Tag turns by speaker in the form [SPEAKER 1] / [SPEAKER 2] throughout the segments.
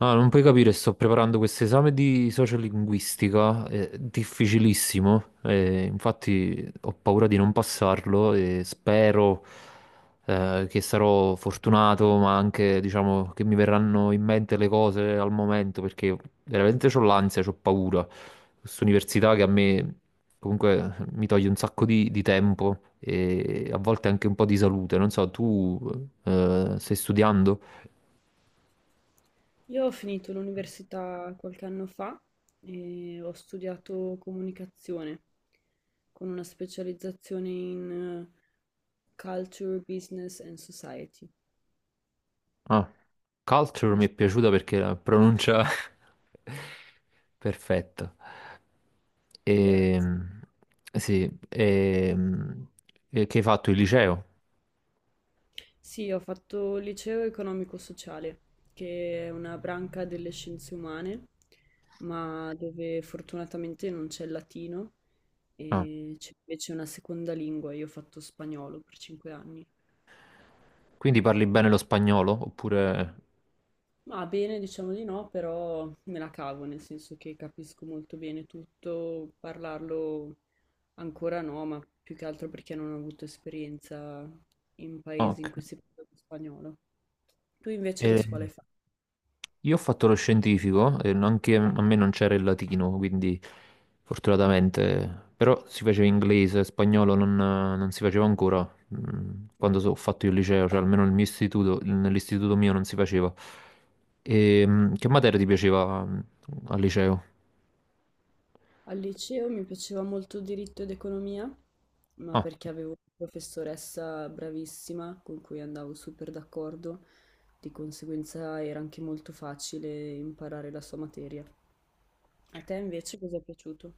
[SPEAKER 1] Ah, non puoi capire, sto preparando questo esame di sociolinguistica, è difficilissimo, e infatti ho paura di non passarlo e spero che sarò fortunato, ma anche, diciamo, che mi verranno in mente le cose al momento, perché veramente ho l'ansia, ho paura. Questa università che a me comunque mi toglie un sacco di tempo e a volte anche un po' di salute. Non so, tu stai studiando?
[SPEAKER 2] Io ho finito l'università qualche anno fa e ho studiato comunicazione con una specializzazione in Culture, Business and Society.
[SPEAKER 1] Ah, Culture mi è
[SPEAKER 2] Es-
[SPEAKER 1] piaciuta perché la pronuncia perfetta.
[SPEAKER 2] Grazie.
[SPEAKER 1] Ehm, sì, e che hai fatto il liceo?
[SPEAKER 2] Sì, ho fatto liceo economico-sociale, che è una branca delle scienze umane, ma dove fortunatamente non c'è il latino
[SPEAKER 1] Ah,
[SPEAKER 2] e c'è invece una seconda lingua. Io ho fatto spagnolo per 5 anni.
[SPEAKER 1] quindi parli bene lo spagnolo? Oppure...
[SPEAKER 2] Ma bene, diciamo di no, però me la cavo, nel senso che capisco molto bene tutto, parlarlo ancora no, ma più che altro perché non ho avuto esperienza in paesi
[SPEAKER 1] Ok.
[SPEAKER 2] in cui si parla lo spagnolo. Tu invece che scuola
[SPEAKER 1] Ehm,
[SPEAKER 2] hai fatto?
[SPEAKER 1] Io ho fatto lo scientifico e anche a me non c'era il latino, quindi fortunatamente, però si faceva inglese, spagnolo non si faceva ancora quando ho fatto io il liceo, cioè almeno nel mio istituto, nell'istituto mio non si faceva. Che materia ti piaceva al liceo?
[SPEAKER 2] Al liceo mi piaceva molto diritto ed economia, ma
[SPEAKER 1] Ah,
[SPEAKER 2] perché avevo una professoressa bravissima con cui andavo super d'accordo, di conseguenza era anche molto facile imparare la sua materia. A te invece cosa è piaciuto?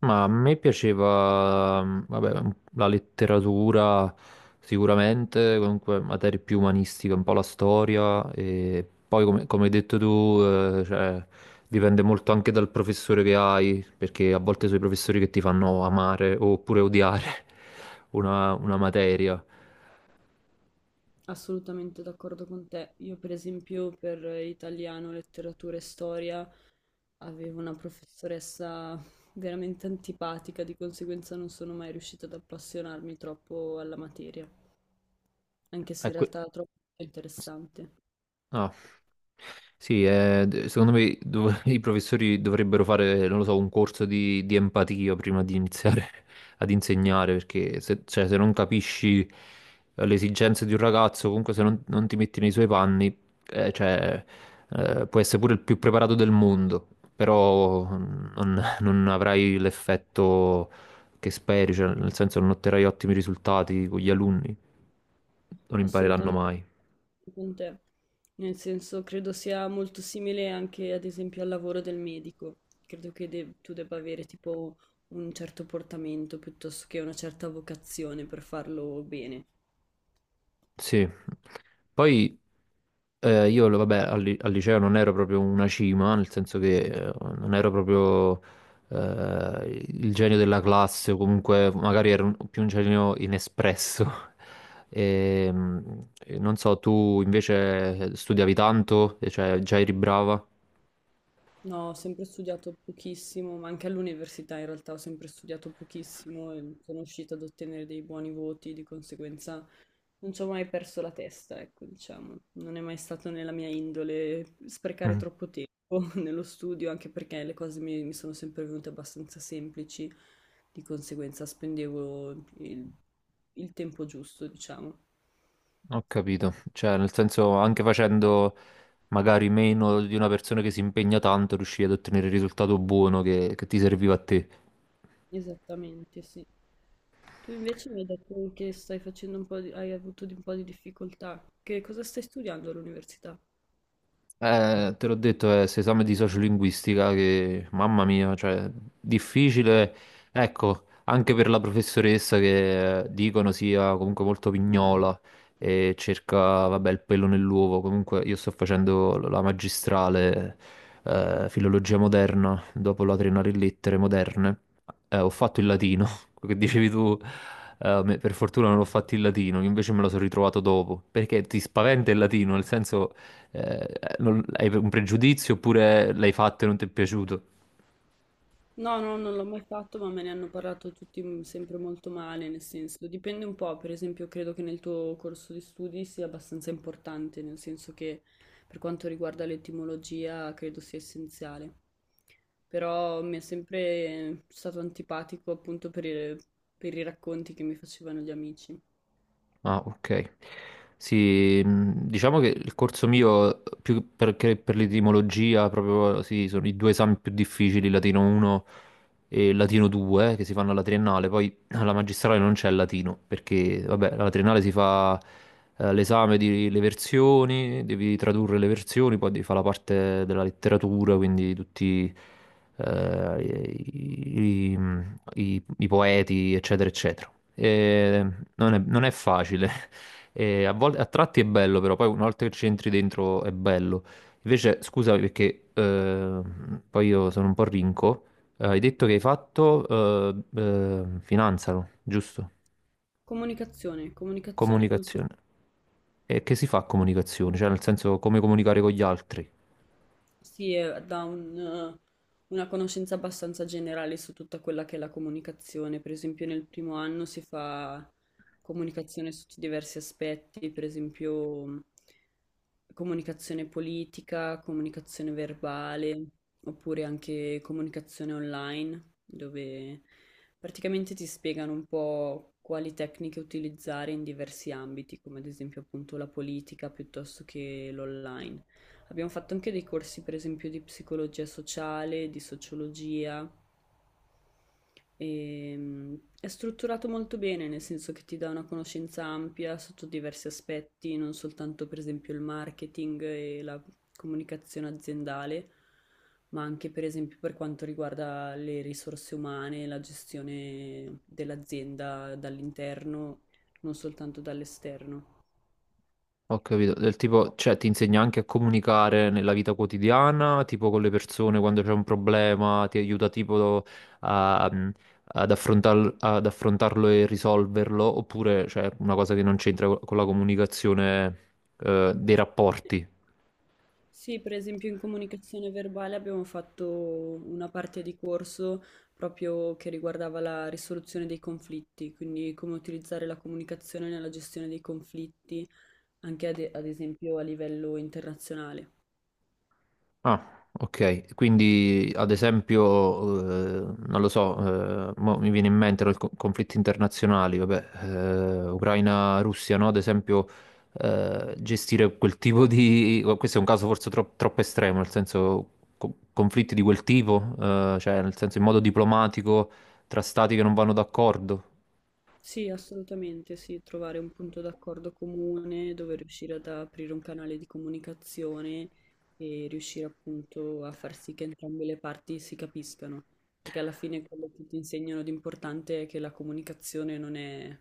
[SPEAKER 1] ma a me piaceva, vabbè, la letteratura sicuramente, comunque materie più umanistiche, un po' la storia e poi come hai detto tu, eh, cioè, dipende molto anche dal professore che hai, perché a volte sono i professori che ti fanno amare oppure odiare una materia.
[SPEAKER 2] Assolutamente d'accordo con te. Io, per esempio, per italiano, letteratura e storia avevo una professoressa veramente antipatica, di conseguenza non sono mai riuscita ad appassionarmi troppo alla materia, anche se in
[SPEAKER 1] Ecco,
[SPEAKER 2] realtà era troppo interessante.
[SPEAKER 1] ah, sì, secondo me i professori dovrebbero fare, non lo so, un corso di empatia prima di iniziare ad insegnare, perché se, cioè, se non capisci le esigenze di un ragazzo, comunque se non ti metti nei suoi panni, eh, cioè, puoi essere pure il più preparato del mondo, però mm, non, non avrai l'effetto che speri, cioè, nel senso non otterrai ottimi risultati con gli alunni, non impareranno
[SPEAKER 2] Assolutamente
[SPEAKER 1] mai.
[SPEAKER 2] con te. Nel senso, credo sia molto simile anche ad esempio al lavoro del medico. Credo che tu debba avere tipo un certo portamento piuttosto che una certa vocazione per farlo bene.
[SPEAKER 1] Sì. Poi io, vabbè, al liceo non ero proprio una cima, nel senso che non ero proprio il genio della classe, o comunque magari ero più un genio inespresso. E, mm, e non so, tu invece studiavi tanto, e cioè già eri brava?
[SPEAKER 2] No, ho sempre studiato pochissimo, ma anche all'università in realtà ho sempre studiato pochissimo e sono riuscita ad ottenere dei buoni voti, di conseguenza non ci ho mai perso la testa, ecco, diciamo. Non è mai stato nella mia indole sprecare
[SPEAKER 1] Mm,
[SPEAKER 2] troppo tempo nello studio, anche perché le cose mi sono sempre venute abbastanza semplici, di conseguenza spendevo il, il tempo giusto, diciamo.
[SPEAKER 1] Ho capito, cioè nel senso anche facendo magari meno di una persona che si impegna tanto, riuscivi ad ottenere il risultato buono che ti serviva a te.
[SPEAKER 2] Esattamente, sì. Tu invece mi hai detto che stai facendo un po' di, hai avuto un po' di difficoltà. Che cosa stai studiando all'università?
[SPEAKER 1] Te l'ho detto, è questo esame di sociolinguistica che, mamma mia, cioè, difficile, ecco, anche per la professoressa che dicono sia comunque molto pignola e cerca, vabbè, il pelo nell'uovo. Comunque io sto facendo la magistrale filologia moderna dopo la triennale in lettere moderne. Ho fatto il latino. Quello che dicevi tu, per fortuna non l'ho fatto in latino, io invece me lo sono ritrovato dopo, perché ti spaventa il latino, nel senso, eh, hai un pregiudizio oppure l'hai fatto e non ti è piaciuto?
[SPEAKER 2] No, no, non l'ho mai fatto, ma me ne hanno parlato tutti sempre molto male, nel senso, dipende un po', per esempio, credo che nel tuo corso di studi sia abbastanza importante, nel senso che per quanto riguarda l'etimologia credo sia essenziale. Però mi è sempre stato antipatico appunto per i racconti che mi facevano gli amici.
[SPEAKER 1] Ah, ok. Sì, diciamo che il corso mio, più che per l'etimologia, proprio sì, sono i due esami più difficili, latino 1 e latino 2, che si fanno alla triennale. Poi alla magistrale non c'è il latino, perché, vabbè, alla triennale si fa l'esame delle versioni, devi tradurre le versioni, poi devi fare la parte della letteratura, quindi tutti eh, i, i- i poeti, eccetera, eccetera. E non è facile. E a volte, a tratti è bello, però poi una volta che ci entri dentro è bello. Invece, scusa perché poi io sono un po' rinco. Hai detto che hai fatto finanza, no? Giusto?
[SPEAKER 2] Comunicazione, comunicazione culturale.
[SPEAKER 1] Comunicazione. E che si fa a comunicazione? Cioè, nel senso, come comunicare con gli altri?
[SPEAKER 2] Sì, dà una conoscenza abbastanza generale su tutta quella che è la comunicazione. Per esempio, nel primo anno si fa comunicazione su diversi aspetti, per esempio comunicazione politica, comunicazione verbale, oppure anche comunicazione online, dove praticamente ti spiegano un po' quali tecniche utilizzare in diversi ambiti, come ad esempio appunto la politica piuttosto che l'online. Abbiamo fatto anche dei corsi, per esempio, di psicologia sociale, di sociologia. E, è strutturato molto bene, nel senso che ti dà una conoscenza ampia sotto diversi aspetti, non soltanto, per esempio, il marketing e la comunicazione aziendale, ma anche, per esempio, per quanto riguarda le risorse umane, la gestione dell'azienda dall'interno, non soltanto dall'esterno.
[SPEAKER 1] Ho capito, del tipo, cioè ti insegna anche a comunicare nella vita quotidiana, tipo con le persone quando c'è un problema, ti aiuta tipo a- mm, ad ad affrontarlo e risolverlo, oppure c'è una cosa che non c'entra con la comunicazione, dei rapporti.
[SPEAKER 2] Sì, per esempio in comunicazione verbale abbiamo fatto una parte di corso proprio che riguardava la risoluzione dei conflitti, quindi come utilizzare la comunicazione nella gestione dei conflitti, anche ad esempio a livello internazionale.
[SPEAKER 1] Ah, ok. Quindi, ad esempio, non lo so, mo mi viene in mente i conflitti internazionali, vabbè, Ucraina-Russia, no? Ad esempio, gestire quel tipo di... Questo è un caso forse troppo estremo, nel senso, conflitti di quel tipo, nel senso, in modo diplomatico, tra stati che non vanno d'accordo.
[SPEAKER 2] Sì, assolutamente, sì, trovare un punto d'accordo comune dove riuscire ad aprire un canale di comunicazione e riuscire appunto a far sì che entrambe le parti si capiscano, perché alla fine quello che ti insegnano di importante è che la comunicazione non è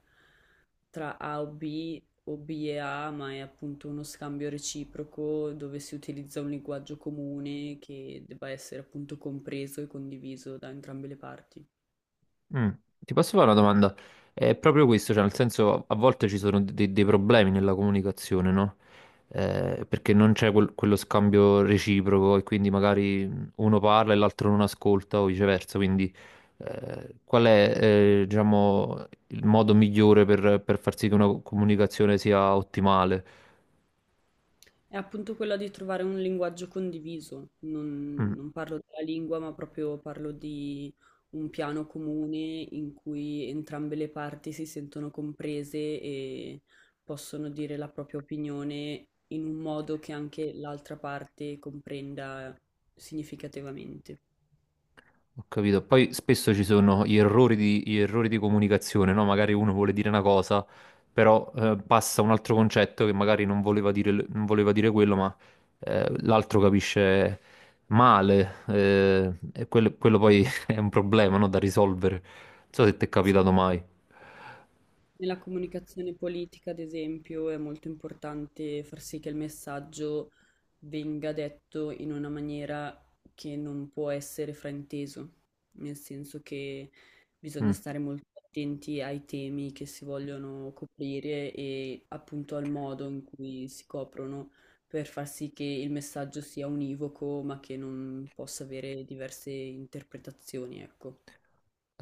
[SPEAKER 2] tra A o B e A, ma è appunto uno scambio reciproco dove si utilizza un linguaggio comune che debba essere appunto compreso e condiviso da entrambe le parti.
[SPEAKER 1] Mm. Ti posso fare una domanda? È proprio questo, cioè nel senso a volte ci sono dei problemi nella comunicazione, no? Perché non c'è quello scambio reciproco e quindi magari uno parla e l'altro non ascolta o viceversa, quindi qual è diciamo, il modo migliore per far sì che una comunicazione sia ottimale?
[SPEAKER 2] È appunto quella di trovare un linguaggio condiviso. Non,
[SPEAKER 1] Mm.
[SPEAKER 2] non parlo della lingua, ma proprio parlo di un piano comune in cui entrambe le parti si sentono comprese e possono dire la propria opinione in un modo che anche l'altra parte comprenda significativamente.
[SPEAKER 1] Ho capito. Poi spesso ci sono gli gli errori di comunicazione, no? Magari uno vuole dire una cosa, però passa un altro concetto che magari non voleva dire, quello, ma l'altro capisce male. E quello poi è un problema, no? Da risolvere. Non so se ti è
[SPEAKER 2] Sì.
[SPEAKER 1] capitato mai.
[SPEAKER 2] Nella comunicazione politica, ad esempio, è molto importante far sì che il messaggio venga detto in una maniera che non può essere frainteso, nel senso che bisogna
[SPEAKER 1] Mm.
[SPEAKER 2] stare molto attenti ai temi che si vogliono coprire e appunto al modo in cui si coprono per far sì che il messaggio sia univoco, ma che non possa avere diverse interpretazioni, ecco.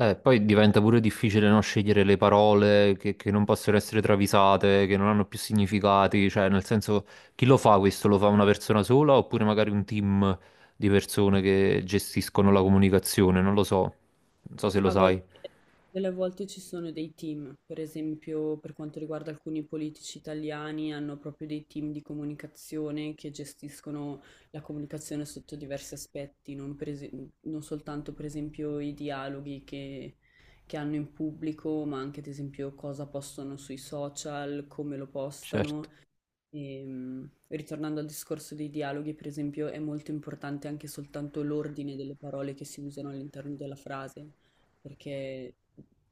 [SPEAKER 1] Poi diventa pure difficile non scegliere le parole che non possono essere travisate, che non hanno più significati, cioè nel senso chi lo fa questo? Lo fa una persona sola oppure magari un team di persone che gestiscono la comunicazione? Non lo so, non so se lo
[SPEAKER 2] A
[SPEAKER 1] sai.
[SPEAKER 2] volte, delle volte ci sono dei team, per esempio per quanto riguarda alcuni politici italiani, hanno proprio dei team di comunicazione che gestiscono la comunicazione sotto diversi aspetti, non, non soltanto per esempio i dialoghi che hanno in pubblico, ma anche ad esempio cosa postano sui social, come lo
[SPEAKER 1] Certo.
[SPEAKER 2] postano. Ritornando al discorso dei dialoghi, per esempio, è molto importante anche soltanto l'ordine delle parole che si usano all'interno della frase, perché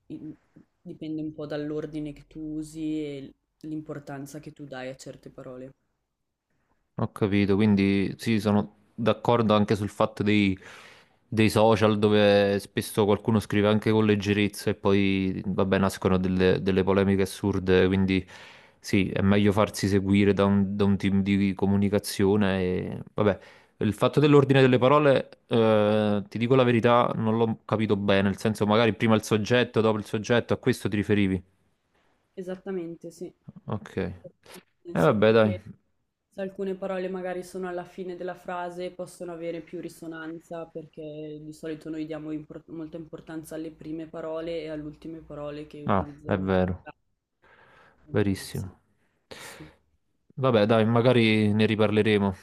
[SPEAKER 2] in- dipende un po' dall'ordine che tu usi e l'importanza che tu dai a certe parole.
[SPEAKER 1] Ho capito, quindi sì, sono d'accordo anche sul fatto dei social dove spesso qualcuno scrive anche con leggerezza e poi, vabbè, nascono delle polemiche assurde, quindi sì, è meglio farsi seguire da da un team di comunicazione e, vabbè, il fatto dell'ordine delle parole, ti dico la verità, non l'ho capito bene, nel senso magari prima il soggetto, dopo il soggetto, a questo ti riferivi?
[SPEAKER 2] Esattamente, sì.
[SPEAKER 1] Ok. E
[SPEAKER 2] Nel
[SPEAKER 1] vabbè,
[SPEAKER 2] senso che
[SPEAKER 1] dai.
[SPEAKER 2] se alcune parole magari sono alla fine della frase, possono avere più risonanza perché di solito noi diamo molta importanza alle prime parole e alle ultime parole che
[SPEAKER 1] Ah, è
[SPEAKER 2] utilizzano in.
[SPEAKER 1] vero.
[SPEAKER 2] Mm, sì.
[SPEAKER 1] Verissimo.
[SPEAKER 2] Su.
[SPEAKER 1] Vabbè, dai, magari ne riparleremo.